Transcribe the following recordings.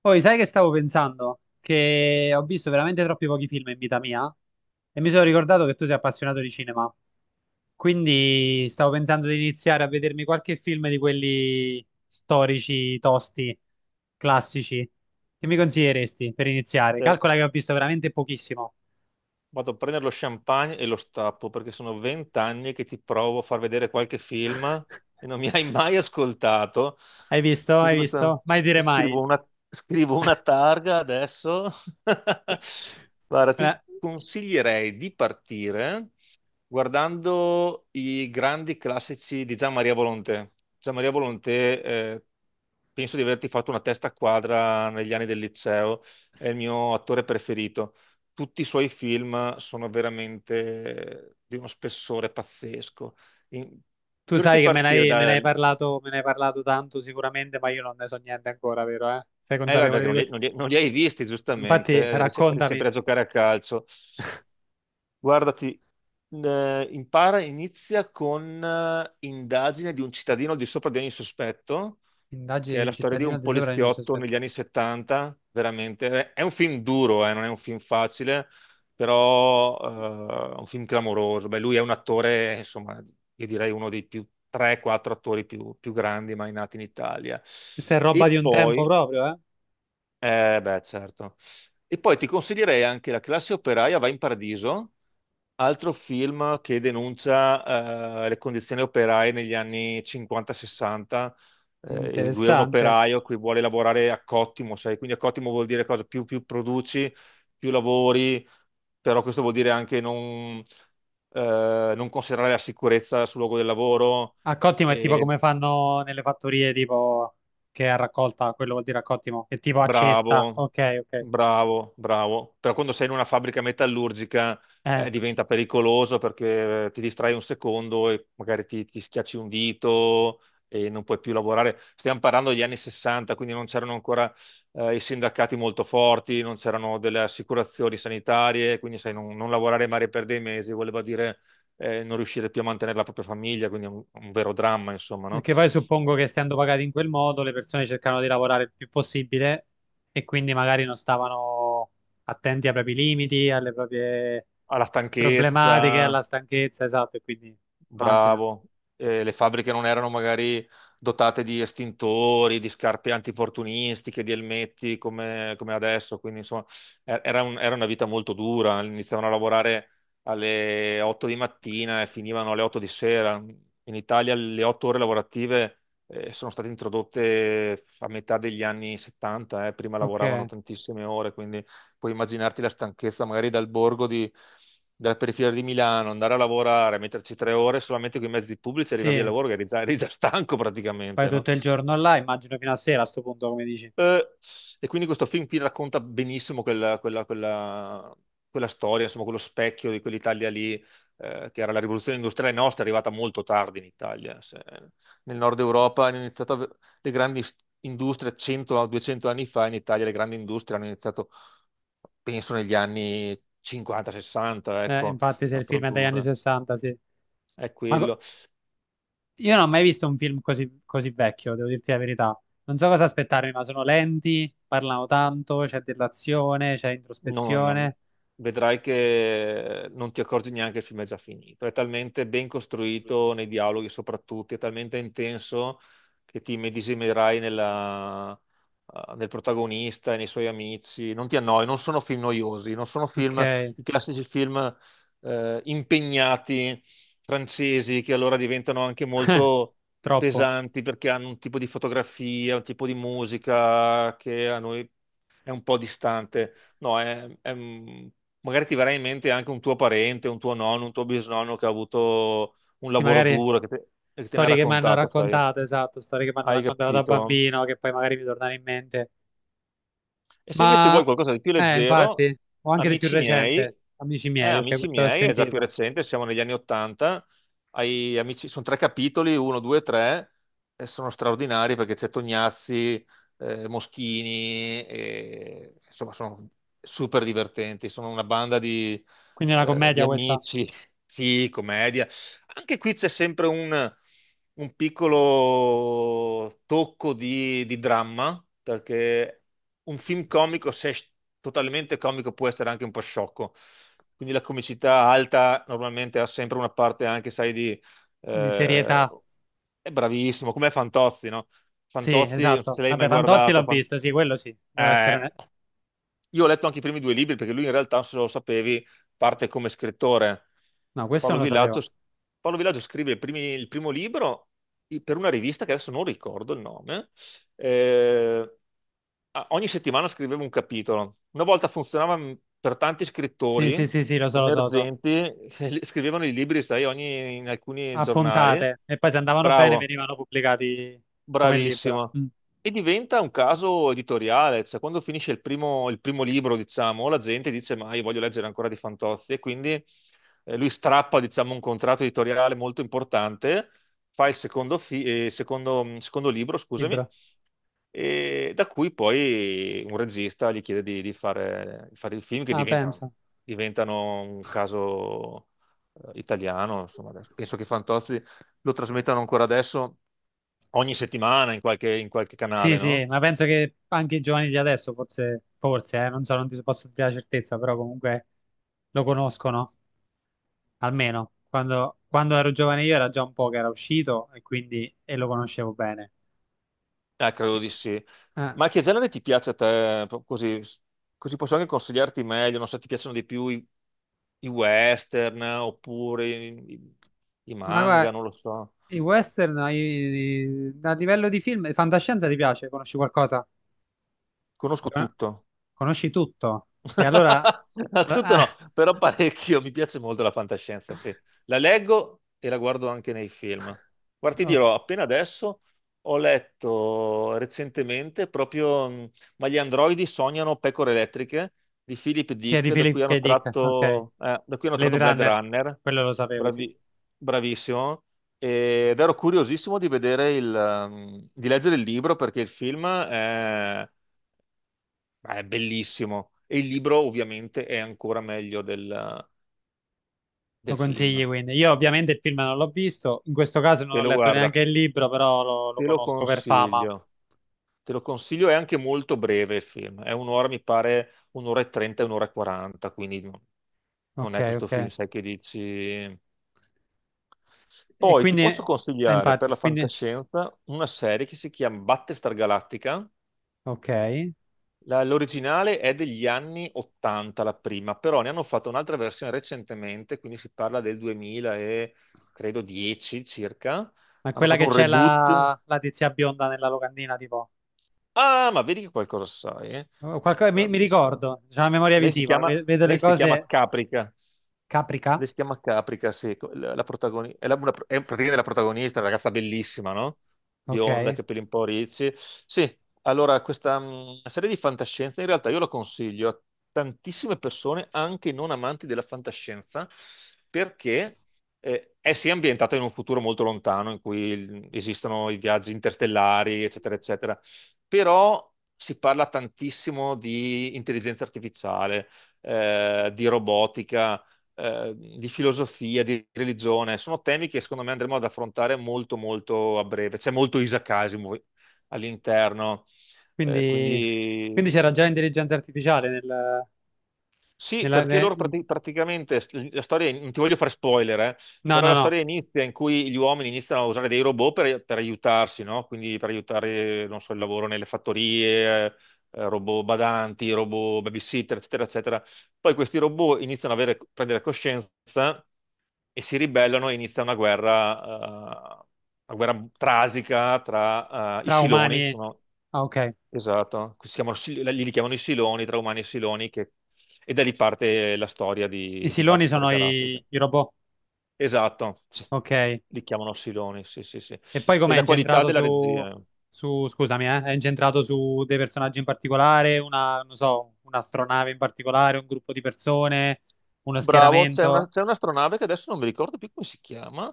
Poi, sai che stavo pensando? Che ho visto veramente troppi pochi film in vita mia e mi sono ricordato che tu sei appassionato di cinema. Quindi stavo pensando di iniziare a vedermi qualche film di quelli storici, tosti, classici. Che mi consiglieresti per iniziare? Cioè, Calcola che ho visto veramente pochissimo. vado a prendere lo champagne e lo stappo perché sono vent'anni che ti provo a far vedere qualche film e non mi hai mai ascoltato. Hai visto? Hai Quindi questa, visto? Mai dire mai. scrivo una, scrivo una targa adesso. Guarda, Eh, ti consiglierei di partire guardando i grandi classici di Gian Maria Volonté. Gian Maria Volonté, penso di averti fatto una testa quadra negli anni del liceo, è il mio attore preferito. Tutti i suoi film sono veramente di uno spessore pazzesco. In- Tu sai Dovresti che partire me ne hai parlato, me ne hai parlato tanto sicuramente, ma io non ne so niente ancora, vero, eh? Sei vabbè, consapevole perché di questo? Non li hai visti, giustamente, Infatti, eri, se- eri raccontami, sempre a giocare a calcio. Guardati, impara, inizia con indagine di un cittadino al di sopra di ogni sospetto, indagini che di è un la storia di cittadino un di sopra di un poliziotto sospetto. negli anni 70, veramente. È un film duro, non è un film facile, però è un film clamoroso. Beh, lui è un attore, insomma, io direi uno dei più 3-4 attori più grandi mai nati in Italia. Questa è roba di E un tempo poi, proprio, eh? Beh, certo. E poi ti consiglierei anche La classe operaia va in paradiso. Altro film che denuncia le condizioni operaie negli anni 50-60. Lui è un Interessante. operaio che vuole lavorare a cottimo, sai? Quindi a cottimo vuol dire cosa? Più produci, più lavori, però questo vuol dire anche non considerare la sicurezza sul luogo del lavoro. A cottimo è tipo E come fanno nelle fattorie, tipo che è a raccolta, quello vuol dire a cottimo, è tipo a cesta. bravo, Ok, ok. Bravo. Però quando sei in una fabbrica metallurgica Eh, diventa pericoloso perché ti distrai un secondo e magari ti schiacci un dito e non puoi più lavorare. Stiamo parlando degli anni 60, quindi non c'erano ancora i sindacati molto forti, non c'erano delle assicurazioni sanitarie, quindi sai, non lavorare magari per dei mesi voleva dire non riuscire più a mantenere la propria famiglia, quindi è un vero dramma, insomma, no? Perché poi suppongo che essendo pagati in quel modo, le persone cercano di lavorare il più possibile e quindi magari non stavano attenti ai propri limiti, alle proprie Alla problematiche, stanchezza, alla stanchezza, esatto, e quindi immagino. bravo. Le fabbriche non erano magari dotate di estintori, di scarpe antifortunistiche, di elmetti come adesso, quindi insomma era una vita molto dura. Iniziavano a lavorare alle 8 di mattina e finivano alle 8 di sera. In Italia le 8 ore lavorative sono state introdotte a metà degli anni 70, prima Ok, lavoravano tantissime ore, quindi puoi immaginarti la stanchezza magari della periferia di Milano, andare a lavorare, metterci 3 ore solamente con i mezzi pubblici, arrivavi al sì. lavoro che eri già stanco Fai praticamente, no? tutto il giorno là, immagino fino a sera a sto punto, come dici. Eh, e quindi questo film qui racconta benissimo quella storia, insomma, quello specchio di quell'Italia lì, che era la rivoluzione industriale nostra, è arrivata molto tardi in Italia. Nel nord Europa hanno iniziato a- le grandi s- industrie 100-200 anni fa, in Italia le grandi industrie hanno iniziato penso negli anni 50-60, ecco, Infatti, se a il film è dagli anni produrre. 60, sì. È Ma co- quello. io non ho mai visto un film così, così vecchio, devo dirti la verità. Non so cosa aspettarmi, ma sono lenti, parlano tanto, c'è dell'azione, c'è No, non- introspezione. Vedrai che non ti accorgi neanche che il film è già finito. È talmente ben costruito nei dialoghi, soprattutto, è talmente intenso che ti immedesimerai nel protagonista e nei suoi amici. Non ti annoi, non sono film noiosi, non sono Ok, film, i classici film impegnati francesi che allora diventano anche molto troppo. pesanti perché hanno un tipo di fotografia, un tipo di musica che a noi è un po' distante. No, è un- Magari ti verrà in mente anche un tuo parente, un tuo nonno, un tuo bisnonno che ha avuto un Sì, lavoro magari duro e che te ne ha storie che mi hanno raccontato, sai? raccontato, esatto, storie che mi hanno Hai raccontato da capito? bambino, che poi magari mi tornano in mente. E se invece Ma, vuoi qualcosa di più leggero, infatti, o anche di più amici recente, miei. Amici miei, ok, Amici questo l'ho miei è già più sentito. recente, siamo negli anni Ottanta, sono 3 capitoli, uno, due, tre, e sono straordinari perché c'è Tognazzi, Moschini, e, insomma sono super divertenti, sono una banda Quindi è una di commedia questa, amici, sì, commedia. Anche qui c'è sempre un piccolo tocco di dramma, perché un film comico, se è totalmente comico, può essere anche un po' sciocco. Quindi la comicità alta normalmente ha sempre una parte anche, sai, di eh, serietà. è bravissimo, come Fantozzi, no? Sì, Fantozzi, non so esatto. se l'hai mai Vabbè, Fantozzi guardato, l'ho visto, sì, quello sì, devo essere eh, onesto. io ho letto anche i primi 2 libri perché lui in realtà, se lo sapevi, parte come scrittore. No, questo Paolo non lo Villaggio, sapevo. Paolo Villaggio scrive il primo libro per una rivista che adesso non ricordo il nome. Eh, Ogni settimana scriveva un capitolo. Una volta funzionava per tanti Sì, sì, scrittori sì, sì, lo so, lo so, lo so. emergenti, scrivevano i libri, sai, in alcuni A giornali. puntate. E poi se andavano bene Bravo. venivano pubblicati come libro. Bravissima. Mm, E diventa un caso editoriale, cioè quando finisce il primo libro, diciamo, la gente dice, ma io voglio leggere ancora di Fantozzi, e quindi lui strappa, diciamo, un contratto editoriale molto importante, fa il secondo, secondo libro, scusami, libro. e da cui poi un regista gli chiede di fare il film che Ah, diventa, pensa. diventano un caso italiano, insomma, penso che Fantozzi lo trasmettano ancora adesso ogni settimana in in qualche canale, Sì, sì, no? ma penso che anche i giovani di adesso, forse, forse, non so, non ti posso dire la certezza, però comunque lo conoscono, almeno. Quando ero giovane io era già un po' che era uscito e quindi e lo conoscevo bene. Credo Che- di sì. eh. Ma che genere ti piace a te? Così, così posso anche consigliarti meglio, non so, ti piacciono di più i western oppure i Ma manga, guarda, non lo so. A livello di film, fantascienza ti piace? Conosci qualcosa? Conosco Con- tutto. Conosci tutto? E allora, No, tutto ah, no, però parecchio, mi piace molto la fantascienza, sì. La leggo e la guardo anche nei film. Guarda, ti oh, dirò, appena adesso ho letto recentemente proprio Ma gli androidi sognano pecore elettriche di Philip chiedi Dick, da cui Philip K. hanno Dick, ok, tratto, da cui hanno Blade tratto Blade Runner, Runner, quello lo sapevo, sì. Bravi- bravissimo, ed ero curiosissimo di vedere di leggere il libro perché il film è È bellissimo. E il libro ovviamente è ancora meglio Lo del consigli film. quindi. Io ovviamente il film non l'ho visto, in questo caso non Te ho lo letto neanche guarda, il libro, però lo te lo conosco per fama. consiglio. Te lo consiglio, è anche molto breve il film. È un'ora, mi pare, un'ora e trenta, un'ora e quaranta, quindi non Ok, è questo film, ok. sai che dici. E Poi ti quindi, posso consigliare per infatti, la quindi, fantascienza una serie che si chiama Battlestar Galactica. ok. L'originale è degli anni 80, la prima, però ne hanno fatto un'altra versione recentemente, quindi si parla del 2000 e credo 10 circa. Ma Hanno quella fatto che un c'è reboot. La tizia bionda nella locandina, tipo... Ah, ma vedi che qualcosa sai, eh? Oh, mi Bravissima. ricordo, c'è la memoria visiva, vedo le Lei si chiama cose Caprica. caprica, Lei si chiama Caprica, sì, protagonista, è praticamente la protagonista, una ragazza bellissima, no? Bionda, ok? capelli un po' ricci. Sì, allora questa serie di fantascienza in realtà io la consiglio a tantissime persone, anche non amanti della fantascienza, perché è sì ambientata in un futuro molto lontano esistono i viaggi interstellari, eccetera, eccetera, però si parla tantissimo di intelligenza artificiale, di robotica di filosofia, di religione. Sono temi che secondo me andremo ad affrontare molto, molto a breve. C'è molto Isaac Asimov all'interno. Eh, Quindi, quindi quindi c'era già eh, l'intelligenza artificiale nel, sì, nella, perché ne- loro in- praticamente la storia, non ti voglio fare spoiler, no, però no, la no, storia inizia in cui gli uomini iniziano a usare dei robot per aiutarsi, no? Quindi per aiutare, non so, il lavoro nelle fattorie. Eh, robot badanti, robot babysitter, eccetera, eccetera. Poi questi robot iniziano a prendere coscienza e si ribellano e inizia una guerra trasica tra i tra umani Siloni, che e... sono, Ah, ok. esatto, si chiamano li chiamano i Siloni, tra umani e Siloni, e da lì parte la storia I di siloni Battlestar sono Galactica. I robot, Esatto, sì, ok. li chiamano Siloni, sì, sì, sì. E poi E com'è la qualità incentrato della su, regia. su, scusami, è incentrato su dei personaggi in particolare, una, non so, un'astronave in particolare, un gruppo di persone, uno Bravo, c'è una, schieramento? c'è un'astronave che adesso non mi ricordo più come si chiama,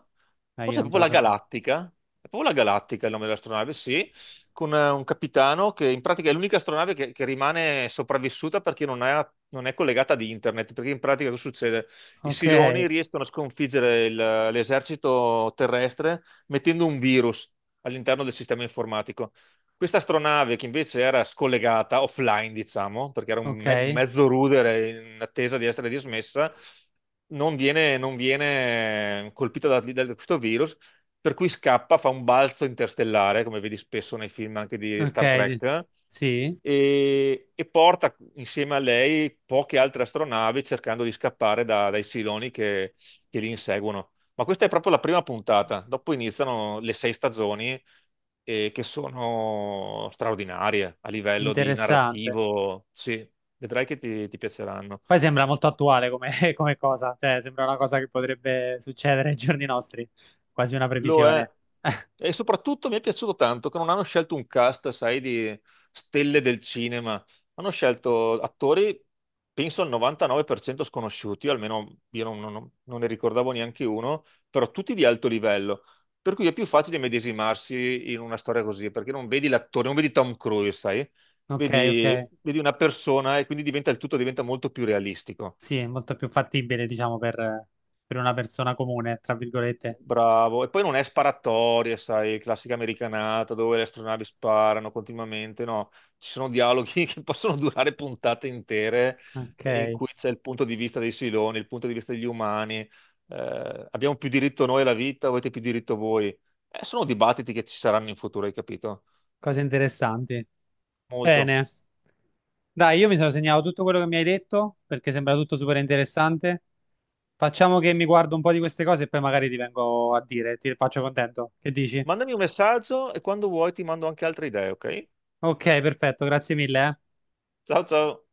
Io forse è non te lo proprio la so dire. Galattica, è proprio la Galattica il nome dell'astronave, sì, con un capitano che in pratica è l'unica astronave che rimane sopravvissuta perché non è collegata ad internet, perché in pratica cosa succede? I Ok, Siloni riescono a sconfiggere l'esercito terrestre mettendo un virus all'interno del sistema informatico. Questa astronave che invece era scollegata offline, diciamo, perché era un ok. mezzo rudere in attesa di essere dismessa, non viene colpita da questo virus, per cui scappa, fa un balzo interstellare, come vedi spesso nei film anche di Star Ok, di- Trek, sì, e porta insieme a lei poche altre astronavi cercando di scappare dai siloni che li inseguono. Ma questa è proprio la prima puntata, dopo iniziano le 6 stagioni che sono straordinarie a livello di interessante. narrativo. Sì, vedrai che ti piaceranno. Poi sembra molto attuale come, come cosa, cioè sembra una cosa che potrebbe succedere ai giorni nostri, quasi una Lo è. previsione. E soprattutto mi è piaciuto tanto che non hanno scelto un cast, sai, di stelle del cinema. Hanno scelto attori, penso al 99% sconosciuti, almeno io non, non- non ne ricordavo neanche uno, però tutti di alto livello. Per cui è più facile medesimarsi in una storia così, perché non vedi l'attore, non vedi Tom Cruise, sai? Ok, ok, Vedi una persona e quindi diventa, il tutto diventa molto più realistico. sì, è molto più fattibile, diciamo, per una persona comune, tra virgolette. Bravo, e poi non è sparatorie, sai, classica americanata dove le astronavi sparano continuamente, no, ci sono dialoghi che possono durare puntate intere in Ok, cui c'è il punto di vista dei siloni, il punto di vista degli umani, abbiamo più diritto noi alla vita, o avete più diritto voi? Sono dibattiti che ci saranno in futuro, hai capito? cose interessanti. Molto. Bene, dai, io mi sono segnato tutto quello che mi hai detto, perché sembra tutto super interessante. Facciamo che mi guardo un po' di queste cose e poi magari ti vengo a dire, ti faccio contento. Che dici? Mandami un messaggio e quando vuoi ti mando anche altre idee, ok? Ok, perfetto, grazie mille, eh. Ciao ciao!